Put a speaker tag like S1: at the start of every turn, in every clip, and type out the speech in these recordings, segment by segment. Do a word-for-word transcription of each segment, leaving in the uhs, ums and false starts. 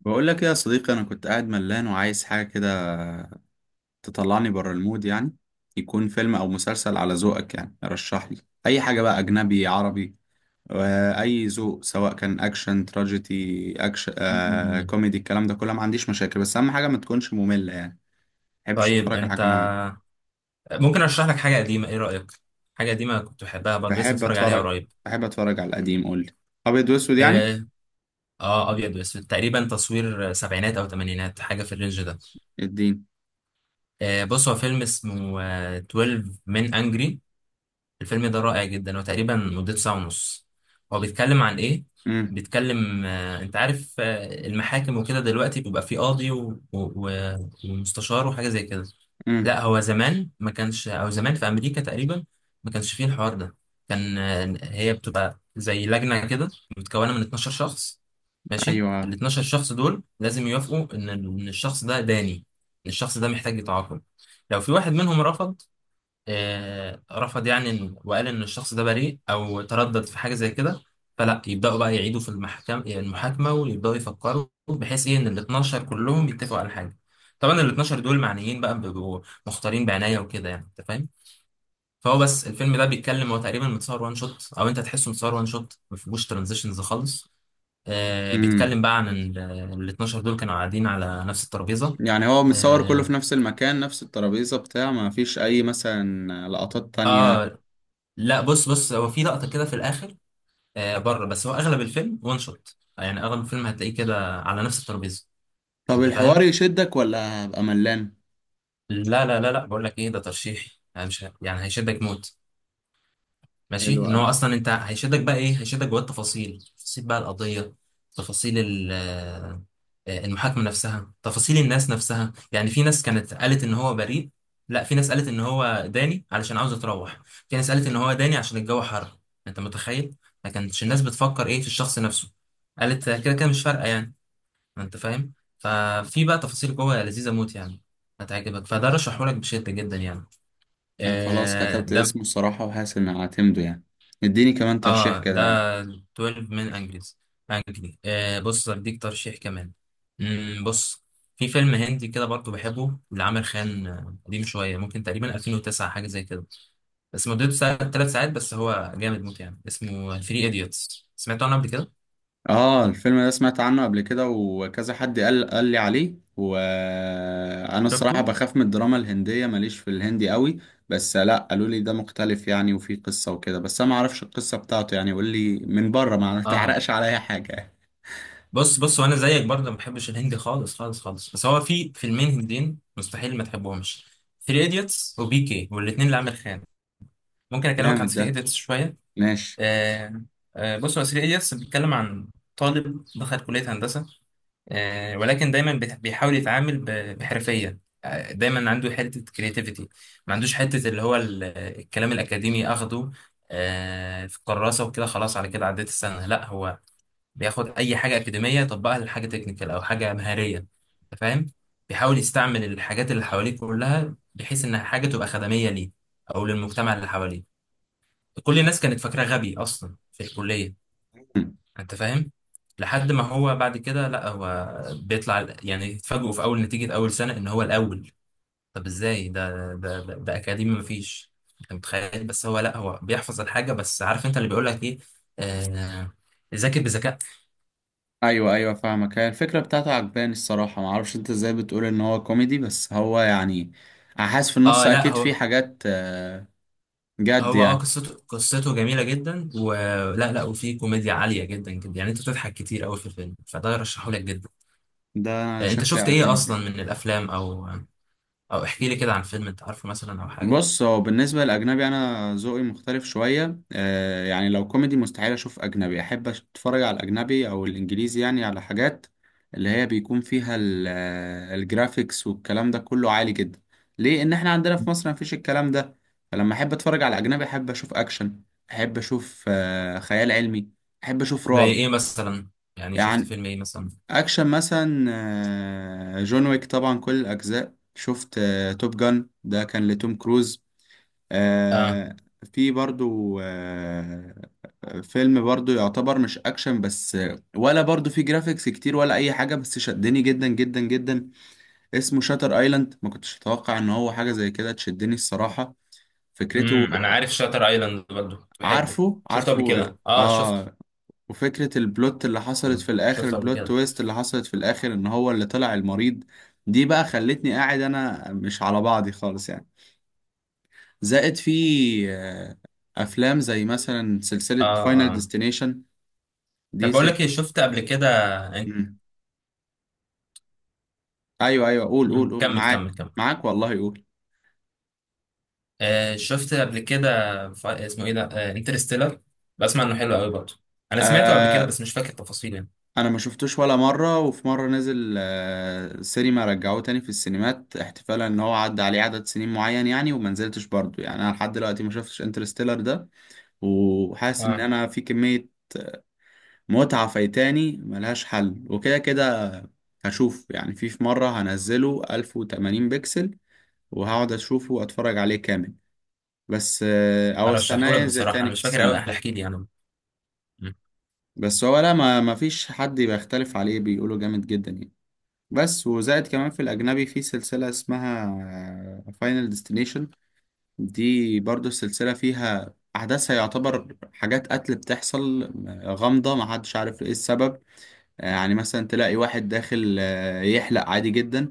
S1: بقول لك إيه يا صديقي، انا كنت قاعد ملان وعايز حاجه كده تطلعني بره المود يعني. يكون فيلم او مسلسل على ذوقك، يعني رشح لي اي حاجه بقى، اجنبي عربي واي ذوق، سواء كان اكشن تراجيدي اكشن، آه،
S2: مم.
S1: كوميدي، الكلام ده كله ما عنديش مشاكل، بس اهم حاجه ما تكونش ممله يعني. ما بحبش
S2: طيب،
S1: اتفرج على
S2: انت،
S1: حاجه ممله.
S2: ممكن ارشح لك حاجه قديمه؟ ايه رايك؟ حاجه قديمه كنت بحبها برضه، لسه
S1: بحب
S2: متفرج عليها
S1: اتفرج،
S2: قريب.
S1: بحب اتفرج على القديم، قول لي. ابيض واسود يعني.
S2: اه, آه ابيض واسود، تقريبا تصوير آه، سبعينات او ثمانينات، حاجه في الرينج ده.
S1: الدين.
S2: آه بص، هو فيلم اسمه آه اتناشر من انجري. الفيلم ده رائع جدا، هو تقريبا مدته ساعه ونص. هو بيتكلم عن ايه؟
S1: امم.
S2: بيتكلم، آه انت عارف، آه المحاكم وكده، دلوقتي بيبقى في قاضي و- و- و- ومستشار وحاجه زي كده.
S1: امم.
S2: لا، هو زمان ما كانش، او زمان في امريكا تقريبا ما كانش فيه الحوار ده. كان آه، هي بتبقى زي لجنه كده، متكونه من اتناشر شخص. ماشي، ال
S1: ايوه.
S2: اتناشر شخص دول لازم يوافقوا ان إن الشخص ده داني، ان الشخص ده محتاج يتعاقب. لو في واحد منهم رفض، آه، رفض يعني، إن- وقال ان الشخص ده بريء او تردد في حاجه زي كده، فلا يبداوا بقى يعيدوا في المحكمه، يعني المحاكمه، ويبداوا يفكروا بحيث ايه ان ال اتناشر كلهم يتفقوا على حاجه. طبعا ال اثنا عشر دول معنيين بقى، بيبقوا مختارين بعنايه وكده، يعني انت فاهم. فهو، بس الفيلم ده بيتكلم، هو تقريبا متصور وان شوت، او انت تحسه متصور وان شوت، ما فيهوش ترانزيشنز خالص. آه بيتكلم بقى عن ال ال اتناشر دول، كانوا قاعدين على نفس الترابيزه.
S1: يعني هو متصور كله
S2: آه,
S1: في نفس المكان، نفس الترابيزة بتاع، ما فيش أي مثلا لقطات تانية؟
S2: اه لا، بص بص، هو في لقطه كده في الاخر، آه بره، بس هو اغلب الفيلم وان شوت، يعني اغلب الفيلم هتلاقيه كده على نفس الترابيزه،
S1: طب
S2: انت
S1: الحوار
S2: فاهم.
S1: يشدك ولا هبقى ملان؟
S2: لا لا لا لا، بقول لك ايه، ده ترشيحي يعني، مش ه- يعني هيشدك موت، ماشي؟
S1: حلو
S2: ان
S1: أوي.
S2: هو اصلا، انت هيشدك بقى ايه؟ هيشدك جوه التفاصيل، تفاصيل بقى القضيه، تفاصيل ال- آه، المحاكمه نفسها، تفاصيل الناس نفسها. يعني في ناس كانت قالت ان هو بريء، لا في ناس قالت ان هو داني علشان عاوز يتروح، في ناس قالت ان هو داني عشان الجو حر. انت متخيل؟ ما كانتش الناس بتفكر ايه في الشخص نفسه، قالت كده كده مش فارقه، يعني انت فاهم. ففي بقى تفاصيل جوه لذيذه موت يعني، هتعجبك، فده رشحهولك بشده جدا يعني.
S1: أنا خلاص
S2: آه
S1: كتبت
S2: ده
S1: اسمه الصراحة، وحاسس إن هعتمده يعني. اديني كمان ترشيح
S2: اه
S1: كده
S2: ده
S1: يعني.
S2: اتناشر من انجليز، انجلي آه بص، هديك ترشيح كمان. مم بص، في فيلم هندي كده برضه بحبه لعامر خان، آه، قديم شويه، ممكن تقريبا ألفين وتسعة، حاجه زي كده. بس مدته ساعة، ثلاث ساعات، بس هو جامد موت يعني، اسمه ثري ايديوتس. سمعت عنه قبل كده؟
S1: آه الفيلم ده سمعت عنه قبل كده، وكذا حد قال قال لي عليه، وأنا
S2: شفته؟
S1: الصراحة بخاف من الدراما الهندية، ماليش في الهندي قوي. بس لأ، قالوا لي ده مختلف يعني، وفيه قصة وكده، بس أنا معرفش القصة بتاعته يعني، قول لي من بره ما
S2: اه
S1: تحرقش عليا حاجة.
S2: بص بص، وانا زيك برضه ما بحبش الهندي خالص خالص خالص، بس هو في فيلمين هنديين مستحيل ما تحبهمش: تلاتة ايديتس وبي كي، والاثنين لعامر خان. ممكن اكلمك عن
S1: جامد
S2: تلاتة
S1: ده.
S2: ايديتس شويه؟
S1: ماشي.
S2: آه آه بص، هو تلاتة ايديتس بيتكلم عن طالب دخل كليه هندسه، آه ولكن دايما بيت- بيحاول يتعامل ب- بحرفيه. آه، دايما عنده حته كرياتيفيتي، ما عندوش حته اللي هو ال- الكلام الاكاديمي اخده آه، في الكراسه وكده. خلاص، على كده عديت السنه، لا هو بياخد اي حاجه اكاديميه يطبقها لحاجه تكنيكال او حاجه مهاريه، انت فاهم. بيحاول يستعمل الحاجات اللي حواليه كلها بحيث ان حاجه تبقى خدميه ليه، او للمجتمع اللي حواليه. كل الناس كانت فاكراه غبي اصلا في الكليه، انت فاهم. لحد ما هو بعد كده، لا هو بيطلع، يعني اتفاجئوا في اول نتيجه اول سنه ان هو الاول. طب ازاي ده؟ ده ده, ده اكاديمي مفيش، انت متخيل. بس هو لا هو بيحفظ الحاجه، بس عارف انت اللي بيقول لك ايه، آه ذاكر بذكاء.
S1: ايوه ايوه فاهمك، هي الفكره بتاعته عجباني الصراحه، ما اعرفش انت ازاي بتقول ان هو كوميدي، بس هو يعني حاسس في النص
S2: اه لا
S1: اكيد
S2: هو،
S1: في حاجات، آه، جد
S2: هو اه
S1: يعني.
S2: قصته، قصته جميلة جدا، ولا لا، وفيه كوميديا عالية جدا جدا يعني، انت بتضحك كتير قوي في الفيلم، فده رشحه لك جدا.
S1: ده
S2: آه، انت
S1: شكلي
S2: شفت ايه اصلا
S1: اعتمد.
S2: من الافلام، او او احكي لي كده عن فيلم انت عارفه مثلا، او حاجة.
S1: بص هو بالنسبة للأجنبي أنا ذوقي مختلف شوية، آه يعني لو كوميدي مستحيل أشوف أجنبي. أحب أش- أتفرج على الأجنبي أو الإنجليزي يعني على حاجات اللي هي بيكون فيها ال- آه، الجرافيكس والكلام ده كله عالي جدا. ليه؟ إن إحنا عندنا في مصر مفيش الكلام ده. فلما أحب أتفرج على أجنبي أحب أشوف أكشن، أحب أشوف آه خيال علمي، أحب أشوف
S2: زي
S1: رعب.
S2: ايه مثلا؟ يعني شفت
S1: يعني
S2: فيلم ايه مثلا؟
S1: أكشن مثلا، آه جون ويك طبعا كل الأجزاء شفت، آه توب جان ده كان لتوم كروز.
S2: اه
S1: آه. في برضو آه فيلم برضو يعتبر مش اكشن بس، ولا برضو في جرافيكس كتير ولا اي حاجة، بس شدني جدا جدا جدا. اسمه شاتر ايلاند، ما كنتش اتوقع ان هو حاجة زي كده تشدني الصراحة. فكرته.
S2: امم انا عارف شاتر ايلاند، برضه كنت بحبه،
S1: عارفه
S2: شفته قبل
S1: عارفه يعني
S2: كده، اه شفته،
S1: اه. وفكرة البلوت اللي حصلت في الاخر،
S2: شفته قبل
S1: البلوت
S2: كده.
S1: تويست اللي حصلت في الاخر، ان هو اللي طلع المريض، دي بقى خلتني قاعد انا مش على بعضي خالص يعني. زائد في آه، افلام زي مثلا سلسلة
S2: اه
S1: فاينل
S2: اه
S1: ديستنيشن، دي
S2: طب بقول
S1: سل...
S2: لك ايه، شفت قبل كده انت؟
S1: مم. ايوه ايوه قول قول
S2: مم،
S1: قول،
S2: كمل كمل
S1: معاك
S2: كمل،
S1: معاك والله قول.
S2: آه، شفت قبل كده، ف- اسمه ايه ده، آه، انترستيلر، بسمع انه حلو قوي برضه، انا سمعته قبل كده
S1: آه
S2: بس مش فاكر تفاصيل يعني.
S1: انا ما شفتوش ولا مرة، وفي مرة نزل آه سينما، رجعوه تاني في السينمات احتفالا ان هو عدى عليه عدد سنين معين يعني، وما نزلتش برضه يعني، انا لحد دلوقتي ما شفتش انترستيلر ده، وحاسس ان
S2: اه
S1: انا في كمية متعة فايتاني ملهاش حل، وكده كده هشوف يعني في في مرة هنزله ألف وثمانين بكسل وهقعد اشوفه واتفرج عليه كامل، بس آه، او استناه
S2: ارشحه لك
S1: ينزل
S2: بصراحه، انا
S1: تاني في
S2: مش فاكر قوي،
S1: السينما.
S2: احكي لي انا. مم.
S1: بس هو لا، ما ما فيش حد بيختلف عليه، بيقولوا جامد جدا يعني. بس وزائد كمان في الاجنبي في سلسلة اسمها فاينل ديستنيشن، دي برضو السلسلة فيها احداثها يعتبر حاجات قتل بتحصل، آه، غامضة ما حدش عارف ايه السبب. يعني مثلا تلاقي واحد داخل آه، يحلق عادي جدا.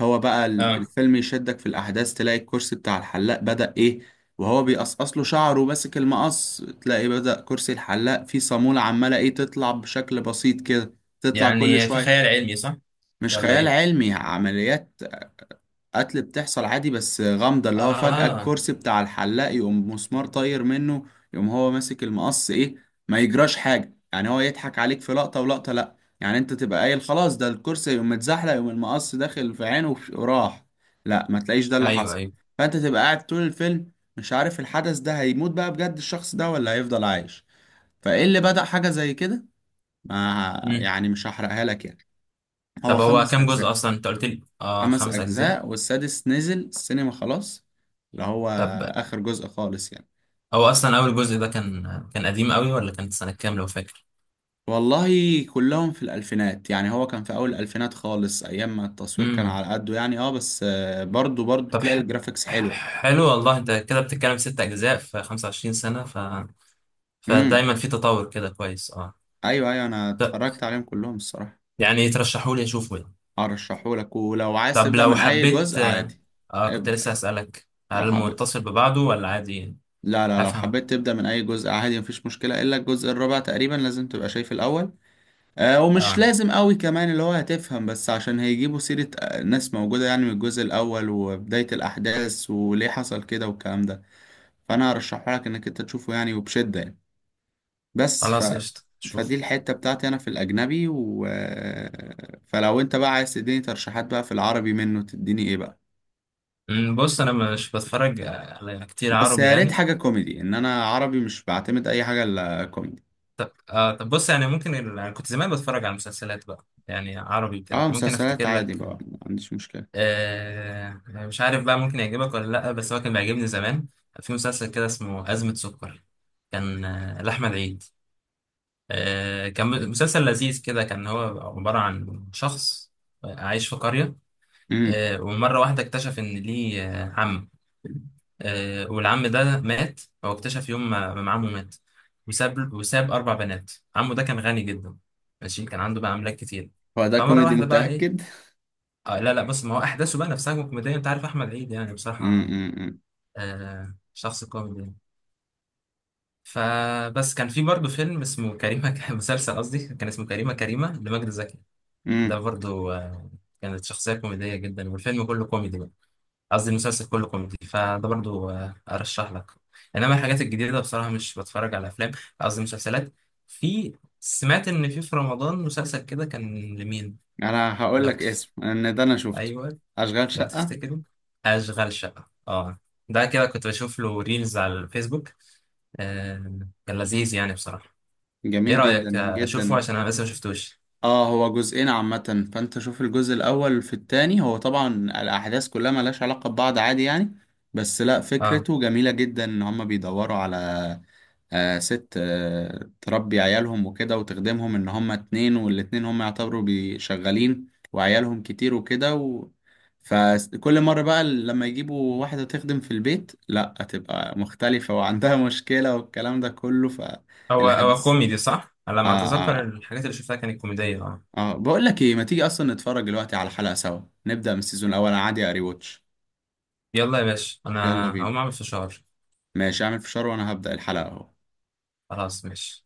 S1: هو بقى ال-
S2: اه
S1: الفيلم يشدك في الأحداث، تلاقي الكرسي بتاع الحلاق بدأ إيه، وهو بيقصقص له شعره وماسك المقص، تلاقي بدأ كرسي الحلاق فيه صامولة عمالة إيه، تطلع بشكل بسيط كده، تطلع كل
S2: يعني في خيال
S1: شوية.
S2: علمي، صح
S1: مش
S2: ولا
S1: خيال
S2: ايه؟
S1: علمي، عمليات قتل بتحصل عادي بس غامضة، اللي هو فجأة
S2: اه.
S1: الكرسي بتاع الحلاق يقوم مسمار طاير منه، يقوم هو ماسك المقص ايه ما يجراش حاجة يعني، هو يضحك عليك في لقطة ولقطة لأ. يعني انت تبقى قايل خلاص ده الكرسي يقوم متزحلق، يقوم المقص داخل في عينه وف- وراح. لأ، ما تلاقيش ده اللي
S2: ايوه
S1: حصل.
S2: ايوه.
S1: فانت تبقى قاعد طول الفيلم مش عارف الحدث ده هيموت بقى بجد الشخص ده ولا هيفضل عايش؟ فايه اللي بدأ حاجة زي كده؟ ما
S2: مم.
S1: يعني مش هحرقها لك يعني. هو
S2: طب هو
S1: خمس
S2: كام جزء
S1: أجزاء.
S2: اصلا، انت قلت لي اه
S1: خمس
S2: خمس اجزاء؟
S1: أجزاء، والسادس نزل السينما خلاص، اللي هو
S2: طب
S1: آخر جزء خالص يعني.
S2: هو اصلا اول جزء ده كان، كان قديم قوي ولا كانت سنه كام لو فاكر؟
S1: والله كلهم في الألفينات يعني، هو كان في أول الألفينات خالص، أيام ما التصوير كان
S2: امم.
S1: على قده يعني، اه بس آه، برضو برضو
S2: طب
S1: تلاقي
S2: ح...
S1: الجرافيكس حلوة.
S2: ح- حلو والله، انت كده بتتكلم ست اجزاء في خمسة وعشرين سنه، ف
S1: امم.
S2: فدايما في تطور كده، كويس اه.
S1: أيوه أيوه، أنا
S2: ط-
S1: اتفرجت عليهم كلهم الصراحة.
S2: يعني ترشحولي اشوفه يعني؟
S1: أرشحهولك، ولو عايز
S2: طب
S1: تبدأ
S2: لو
S1: من أي
S2: حبيت
S1: جزء
S2: آه
S1: عادي.
S2: آه، كنت
S1: عيب.
S2: لسه هسألك، هل
S1: لو حبيت،
S2: المتصل ببعضه ولا عادي؟
S1: لا لا لو
S2: هفهم
S1: حبيت تبدأ من أي جزء عادي مفيش مشكلة، إلا الجزء الرابع تقريبا لازم تبقى شايف الأول. آه، ومش
S2: اه.
S1: لازم قوي كمان، اللي هو هتفهم، بس عشان هيجيبوا سيرة آه، ناس موجودة يعني من الجزء الأول وبداية الأحداث وليه حصل كده والكلام ده. فأنا هرشحه لك إنك أنت تشوفه يعني، وبشدة يعني. بس ف...
S2: خلاص قشطة، شوف.
S1: فدي الحتة بتاعتي أنا في الأجنبي و... آه، فلو أنت بقى عايز تديني ترشيحات بقى في العربي منه، تديني إيه بقى؟
S2: أمم، بص، انا مش بتفرج آه، على كتير
S1: بس
S2: عربي
S1: يا ريت
S2: يعني.
S1: حاجة كوميدي، إن أنا عربي مش بعتمد أي حاجة إلا كوميدي.
S2: طب آه طب بص، يعني ممكن ال... أنا كنت زمان بتفرج على مسلسلات بقى، يعني عربي كده،
S1: أه
S2: ممكن
S1: مسلسلات
S2: افتكر
S1: عادي
S2: لك.
S1: بقى ما عنديش مشكلة.
S2: آه آه، مش عارف بقى ممكن يعجبك ولا لا، بس هو كان بيعجبني زمان. في مسلسل كده اسمه أزمة سكر، كان آه، لأحمد عيد، آه، كان مسلسل لذيذ كده. كان هو عبارة عن شخص عايش في قرية،
S1: امم.
S2: آه، ومرة واحدة اكتشف إن ليه آه، عم، آه، والعم ده مات. هو اكتشف يوم ما ما عمه مات، وساب وساب أربع بنات. عمه ده كان غني جدا، ماشي، كان عنده بقى أملاك كتير.
S1: هو ده
S2: فمرة
S1: كوميدي
S2: واحدة بقى
S1: متأكد؟
S2: إيه، آه لا لا، بس ما هو أحداثه بقى نفسها كوميدية، أنت عارف أحمد عيد يعني بصراحة،
S1: امم.
S2: آه، شخص كوميدي يعني. فبس كان في برضه فيلم اسمه كريمة مسلسل قصدي، كان اسمه كريمة، كريمة لمجد زكي. ده
S1: امم.
S2: برضو آه، كانت شخصية كوميدية جدا، والفيلم كله كوميدي بقى، قصدي المسلسل كله كوميدي، فده برضو آه، أرشح لك. إنما الحاجات الجديدة بصراحة مش بتفرج على أفلام، قصدي مسلسلات. في سمعت إن في في رمضان مسلسل كده، كان لمين
S1: انا هقول
S2: لو
S1: لك
S2: تف...
S1: اسم ان ده انا شفته.
S2: أيوه،
S1: اشغال
S2: لو
S1: شقة.
S2: تفتكروا؟ أشغال شقة، أه ده، كده كنت بشوف له ريلز على الفيسبوك، آه، كان لذيذ يعني بصراحة. إيه
S1: جميل جدا
S2: رأيك آه، أشوفه
S1: جدا.
S2: عشان أنا لسه ما شفتوش؟
S1: اه هو جزئين عامة، فانت شوف الجزء الاول في التاني، هو طبعا الاحداث كلها ملهاش علاقة ببعض عادي يعني. بس لا،
S2: أه.
S1: فكرته جميلة جدا، ان هما بيدوروا على آه، ست آه، تربي عيالهم وكده وتخدمهم، ان هما اتنين والاتنين هما يعتبروا بي- شغالين، وعيالهم كتير وكده و... فكل مرة بقى لما يجيبوا واحدة تخدم في البيت لا هتبقى مختلفة وعندها مشكلة والكلام ده كله
S2: هو هو
S1: فالحدث.
S2: كوميدي صح؟ على
S1: اه.
S2: ما أتذكر
S1: اه.
S2: الحاجات اللي شفتها كانت كوميدية، اه.
S1: اه بقول لك ايه، ما تيجي اصلا نتفرج دلوقتي على الحلقة سوا، نبدأ من السيزون الاول، انا عادي اري واتش.
S2: يلا يا باشا،
S1: يلا
S2: أنا
S1: بينا.
S2: هقوم أعمل فشار.
S1: ماشي اعمل فشار وانا هبدأ الحلقة اهو.
S2: خلاص، ماشي.